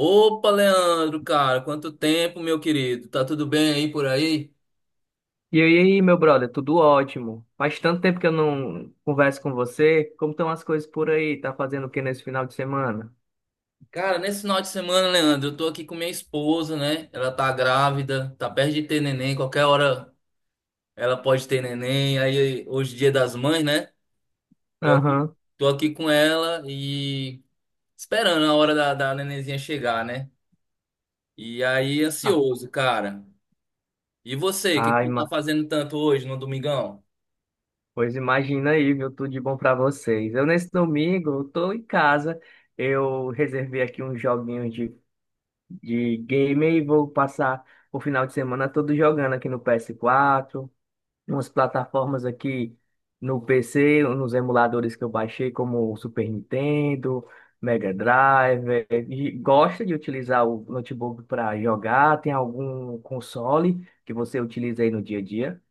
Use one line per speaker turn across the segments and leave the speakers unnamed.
Opa, Leandro, cara, quanto tempo, meu querido? Tá tudo bem aí por aí?
E aí, meu brother, tudo ótimo. Faz tanto tempo que eu não converso com você. Como estão as coisas por aí? Tá fazendo o que nesse final de semana?
Cara, nesse final de semana, Leandro, eu tô aqui com minha esposa, né? Ela tá grávida, tá perto de ter neném, qualquer hora ela pode ter neném. Aí hoje é dia das mães, né? Tô aqui,
Aham.
tô aqui com ela e esperando a hora da nenenzinha chegar, né? E aí,
Ah,
ansioso, cara. E você, o que que
ai,
tu
ma.
tá fazendo tanto hoje no domingão?
Pois imagina aí, viu? Tudo de bom pra vocês. Eu, nesse domingo, eu tô em casa. Eu reservei aqui uns joguinhos de game e vou passar o final de semana todo jogando aqui no PS4. Umas plataformas aqui no PC, nos emuladores que eu baixei, como o Super Nintendo, Mega Drive. E gosta de utilizar o notebook para jogar? Tem algum console que você utiliza aí no dia a dia?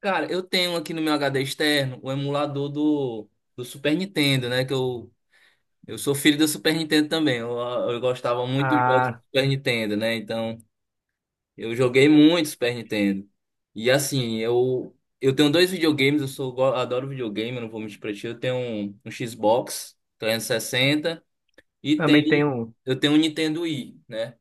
Cara, eu tenho aqui no meu HD externo o emulador do Super Nintendo, né? Eu sou filho do Super Nintendo também. Eu gostava muito dos jogos do
Ah,
Super Nintendo, né? Então, eu joguei muito Super Nintendo. E assim, eu tenho dois videogames, adoro videogame, eu não vou mentir pra ti. Eu tenho um Xbox 360 e sessenta e
também
tem,
tem um.
eu tenho um Nintendo Wii, né?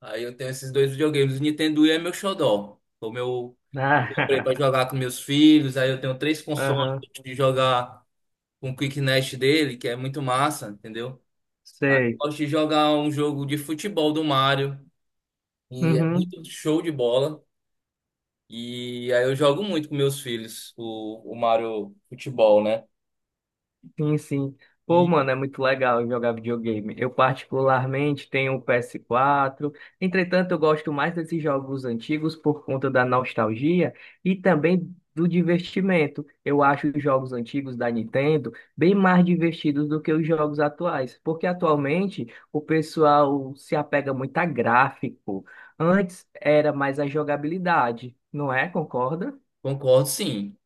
Aí eu tenho esses dois videogames. O Nintendo Wii é meu xodó. Foi o meu. Eu comprei
Ah,
pra jogar com meus filhos. Aí eu tenho três consoles.
aham,
Eu gosto de jogar com o Quick Nest dele, que é muito massa, entendeu? Aí eu
sei.
gosto de jogar um jogo de futebol do Mario. E é muito show de bola. E aí eu jogo muito com meus filhos o Mario Futebol, né?
Sim, sim. Pô, mano,
E
é muito legal jogar videogame. Eu particularmente tenho o PS4. Entretanto, eu gosto mais desses jogos antigos por conta da nostalgia e também do divertimento. Eu acho os jogos antigos da Nintendo bem mais divertidos do que os jogos atuais, porque atualmente o pessoal se apega muito a gráfico. Antes era mais a jogabilidade, não é? Concorda?
concordo, sim.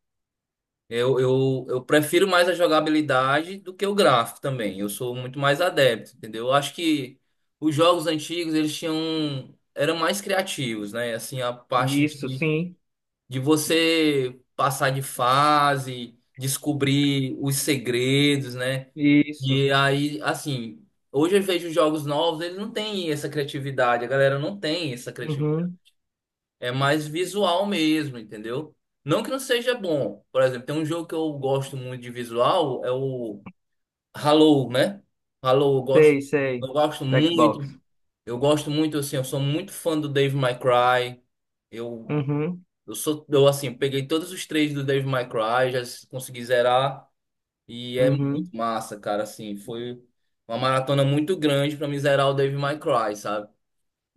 Eu prefiro mais a jogabilidade do que o gráfico também. Eu sou muito mais adepto, entendeu? Eu acho que os jogos antigos, eles tinham eram mais criativos, né? Assim,
Isso, sim.
de você passar de fase, descobrir os segredos, né?
Isso.
E aí, assim, hoje eu vejo os jogos novos, eles não têm essa criatividade. A galera não tem essa
Uhum.
é mais visual mesmo, entendeu? Não que não seja bom. Por exemplo, tem um jogo que eu gosto muito de visual, é o Halo, né? Halo,
Sei,
eu
sei.
gosto muito.
Jackbox.
Eu gosto muito, assim, eu sou muito fã do Dave May Cry. Eu,
Uhum,
assim, peguei todos os três do Dave May Cry, já consegui zerar. E é
uhum,
muito massa, cara, assim, foi uma maratona muito grande pra me zerar o Dave May Cry, sabe?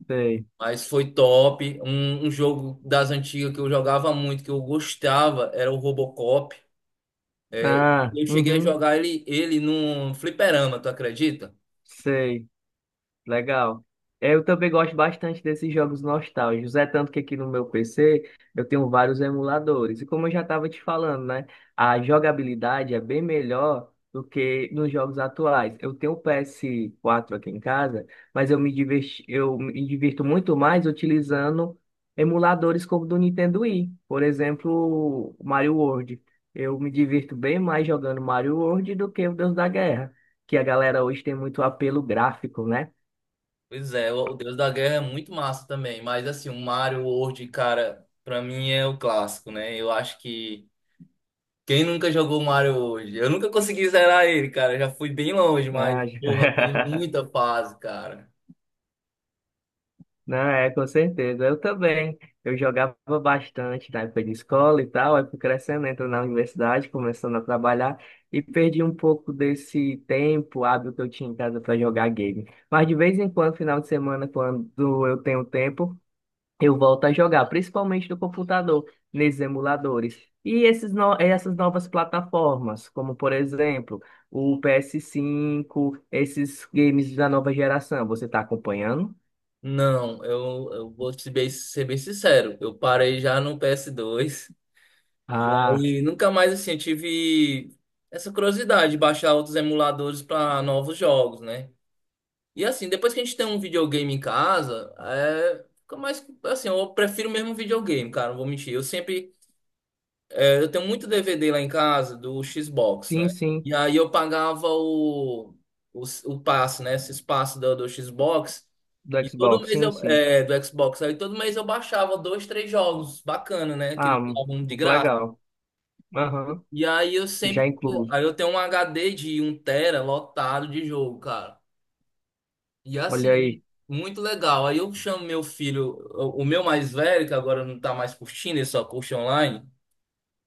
sei.
Mas foi top. Um jogo das antigas que eu jogava muito, que eu gostava, era o Robocop.
Ah,
Eu cheguei a
uhum,
jogar ele, ele num fliperama, tu acredita?
sei. Legal. É, eu também gosto bastante desses jogos nostálgicos. É tanto que aqui no meu PC eu tenho vários emuladores. E como eu já estava te falando, né? A jogabilidade é bem melhor do que nos jogos atuais. Eu tenho o PS4 aqui em casa, mas eu me divirto muito mais utilizando emuladores como o do Nintendo Wii. Por exemplo, o Mario World. Eu me divirto bem mais jogando Mario World do que o Deus da Guerra, que a galera hoje tem muito apelo gráfico, né?
Pois é, o Deus da Guerra é muito massa também. Mas assim, o Mario World, cara, pra mim é o clássico, né? Eu acho que quem nunca jogou Mario World? Eu nunca consegui zerar ele, cara. Eu já fui bem longe, mas,
Ah,
porra, tem muita fase, cara.
não, é, com certeza. Eu também. Eu jogava bastante na época de escola e tal, aí fui crescendo, entro na universidade, começando a trabalhar e perdi um pouco desse tempo hábil que eu tinha em casa para jogar game. Mas de vez em quando, final de semana, quando eu tenho tempo, eu volto a jogar, principalmente no computador, nesses emuladores. E esses no- essas novas plataformas, como por exemplo, o PS5, esses games da nova geração, você está acompanhando?
Não, eu vou te bem- ser bem sincero. Eu parei já no PS2. E
Ah,
aí, nunca mais assim, eu tive essa curiosidade de baixar outros emuladores para novos jogos, né? E assim, depois que a gente tem um videogame em casa, é. Fica mais. Assim, eu prefiro mesmo um videogame, cara, não vou mentir. Eu sempre. É, eu tenho muito DVD lá em casa do Xbox, né?
sim, sim,
E aí eu pagava o. O passe, né? Esse espaço do Xbox.
do
E todo
Xbox,
mês
sim,
eu.
sim.
É, do Xbox. Aí todo mês eu baixava dois, três jogos. Bacana, né? Aquele
Ah,
álbum de
muito
graça.
legal. Aham,
E aí eu
já
sempre.
incluso.
Aí eu tenho um HD de um tera lotado de jogo, cara. E
Olha
assim,
aí.
muito legal. Aí eu chamo meu filho, o meu mais velho, que agora não tá mais curtindo, ele só curte online.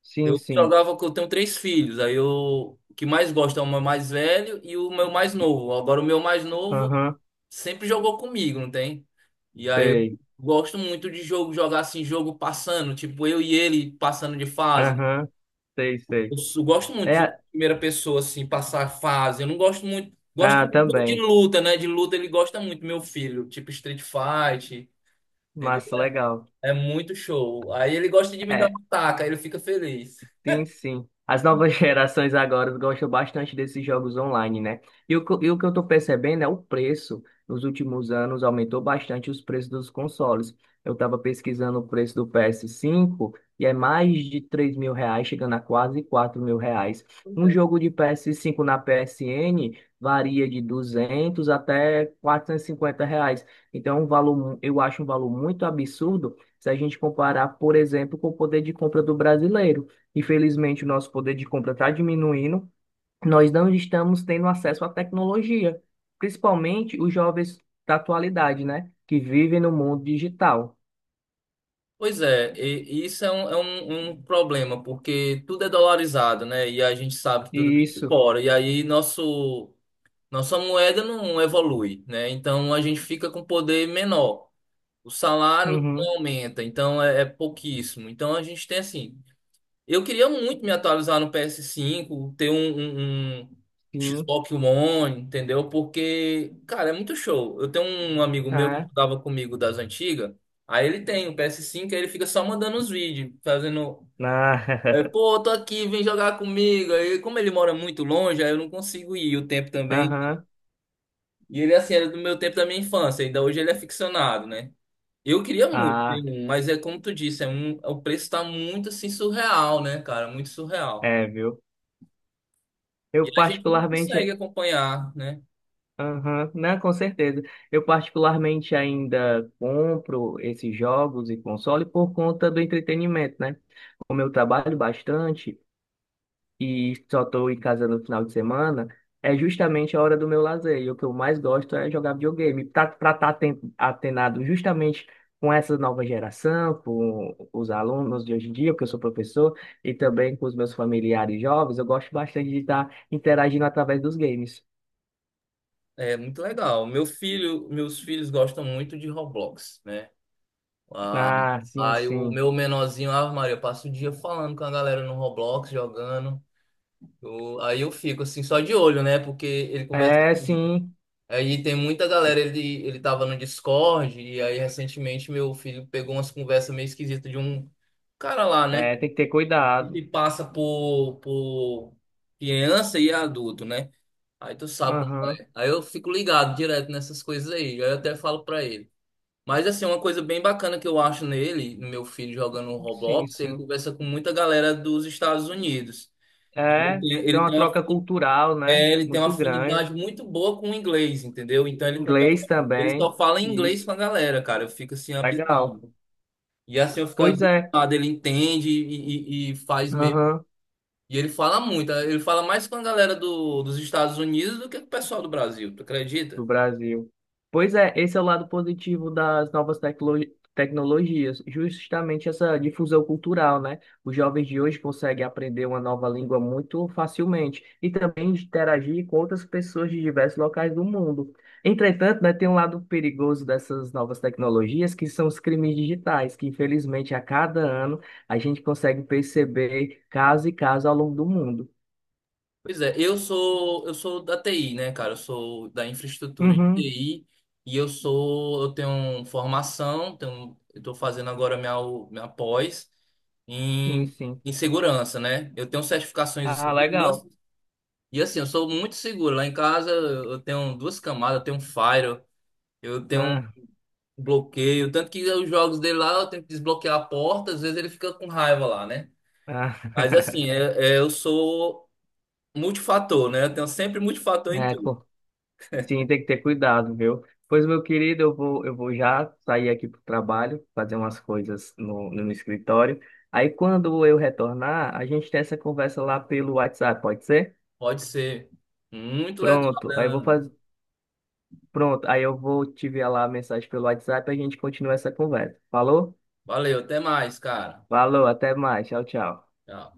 Sim,
Eu
sim.
jogava que eu tenho três filhos. Aí eu. O que mais gosta é o meu mais velho e o meu mais novo. Agora o meu mais novo
Aham,
sempre jogou comigo, não tem? E aí eu
sei.
gosto muito de jogo, jogar assim, jogo passando, tipo eu e ele passando de fase.
Aham, sei, sei.
Gosto muito de jogo de
É,
primeira pessoa, assim, passar a fase. Eu não gosto muito. Gosto
ah,
muito de jogo de
também.
luta, né? De luta ele gosta muito, meu filho. Tipo Street Fight, entendeu?
Massa, legal.
É muito show. Aí ele gosta de me dar
É.
uma taca, aí ele fica feliz.
Sim, sim. As novas gerações agora gostam bastante desses jogos online, né? E o que eu estou percebendo é o preço. Nos últimos anos aumentou bastante os preços dos consoles. Eu estava pesquisando o preço do PS5 e é mais de R$ 3.000, chegando a quase R$ 4.000.
Pois
Um
é,
jogo de PS5 na PSN varia de R$ 200 até R$ 450. Então, é um valor, eu acho um valor muito absurdo se a gente comparar, por exemplo, com o poder de compra do brasileiro. Infelizmente, o nosso poder de compra está diminuindo. Nós não estamos tendo acesso à tecnologia, principalmente os jovens da atualidade, né? Que vivem no mundo digital.
Pois é, e isso é um problema, porque tudo é dolarizado, né? E a gente sabe que tudo vem de
Isso.
fora. E aí nossa moeda não evolui, né? Então a gente fica com poder menor. O salário não
Uhum.
aumenta, então é pouquíssimo. Então a gente tem assim. Eu queria muito me atualizar no PS5, ter um
Sim.
Xbox One, entendeu? Porque, cara, é muito show. Eu tenho um amigo meu que
Ah.
jogava comigo das antigas, aí ele tem o PS5, aí ele fica só mandando os vídeos, fazendo. É,
Ah.
Pô, eu tô aqui, vem jogar comigo. Aí, como ele mora muito longe, aí eu não consigo ir o tempo também.
Aham.
E ele, assim, era do meu tempo da minha infância, ainda hoje ele é ficcionado, né? Eu queria muito ter
Ah.
um, mas é como tu disse, o preço tá muito assim surreal, né, cara? Muito surreal.
É, viu? Eu
E a gente não consegue
particularmente.
acompanhar, né?
Aham. Não, com certeza. Eu particularmente ainda compro esses jogos e console por conta do entretenimento, né? Como eu trabalho bastante e só estou em casa no final de semana, é justamente a hora do meu lazer. E o que eu mais gosto é jogar videogame. Para estar atenado justamente com essa nova geração, com os alunos de hoje em dia, porque eu sou professor, e também com os meus familiares jovens, eu gosto bastante de estar interagindo através dos games.
É muito legal. Meu filho, meus filhos gostam muito de Roblox, né? Ah,
Ah, sim,
aí o
sim.
meu menorzinho, Ave Maria, passa o dia falando com a galera no Roblox, jogando. Aí eu fico assim, só de olho, né? Porque ele conversa
É,
muito.
sim.
Aí tem muita galera, ele tava no Discord, e aí recentemente meu filho pegou umas conversas meio esquisitas de um cara lá, né?
É, tem que ter
E
cuidado.
que passa por criança e adulto, né? Aí tu sabe como
Aham,
é. Aí eu fico ligado direto nessas coisas aí, aí eu até falo pra ele. Mas assim, uma coisa bem bacana que eu acho nele, no meu filho jogando
sim,
Roblox, ele
sim.
conversa com muita galera dos Estados Unidos. E
É, tem
ele
uma
tem uma,
troca cultural, né?
é, ele tem uma
Muito
afinidade
grande.
muito boa com o inglês, entendeu? Então ele conversa
Inglês
ele
também.
só fala em inglês
Isso.
com a galera, cara. Eu fico assim
Legal.
abismado. E assim eu fico
Pois é.
abismado. Ele entende e faz mesmo.
Aham.
E ele fala muito. Ele fala mais com a galera dos Estados Unidos do que com o pessoal do Brasil. Tu
Do
acredita?
Brasil. Pois é, esse é o lado positivo das novas tecnologias, justamente essa difusão cultural, né? Os jovens de hoje conseguem aprender uma nova língua muito facilmente e também interagir com outras pessoas de diversos locais do mundo. Entretanto, né, tem um lado perigoso dessas novas tecnologias, que são os crimes digitais, que infelizmente a cada ano a gente consegue perceber caso e caso ao longo do mundo.
Pois é, eu sou da TI, né, cara? Eu sou da infraestrutura de
Uhum,
TI e eu tenho formação, tenho, eu tô fazendo agora minha minha pós
sim,
em,
sim.
em segurança, né? Eu tenho certificações de
Ah, legal.
segurança E assim, eu sou muito seguro. Lá em casa eu tenho duas camadas, eu tenho um firewall, eu tenho um
Ah,
bloqueio. Tanto que os jogos dele lá eu tenho que desbloquear a porta, às vezes ele fica com raiva lá, né?
ah.
Mas assim, eu sou multifator, né? Eu tenho sempre multifator em
É,
tudo.
sim, tem que ter cuidado, viu? Pois, meu querido, eu vou já sair aqui pro trabalho, fazer umas coisas no escritório. Aí, quando eu retornar, a gente tem essa conversa lá pelo WhatsApp, pode ser?
Pode ser. Muito legal,
Pronto,
né,
aí eu vou
Leandro.
fazer. Pronto, aí eu vou te enviar lá a mensagem pelo WhatsApp e a gente continua essa conversa. Falou?
Valeu, até mais, cara.
Falou, até mais. Tchau, tchau.
Tchau.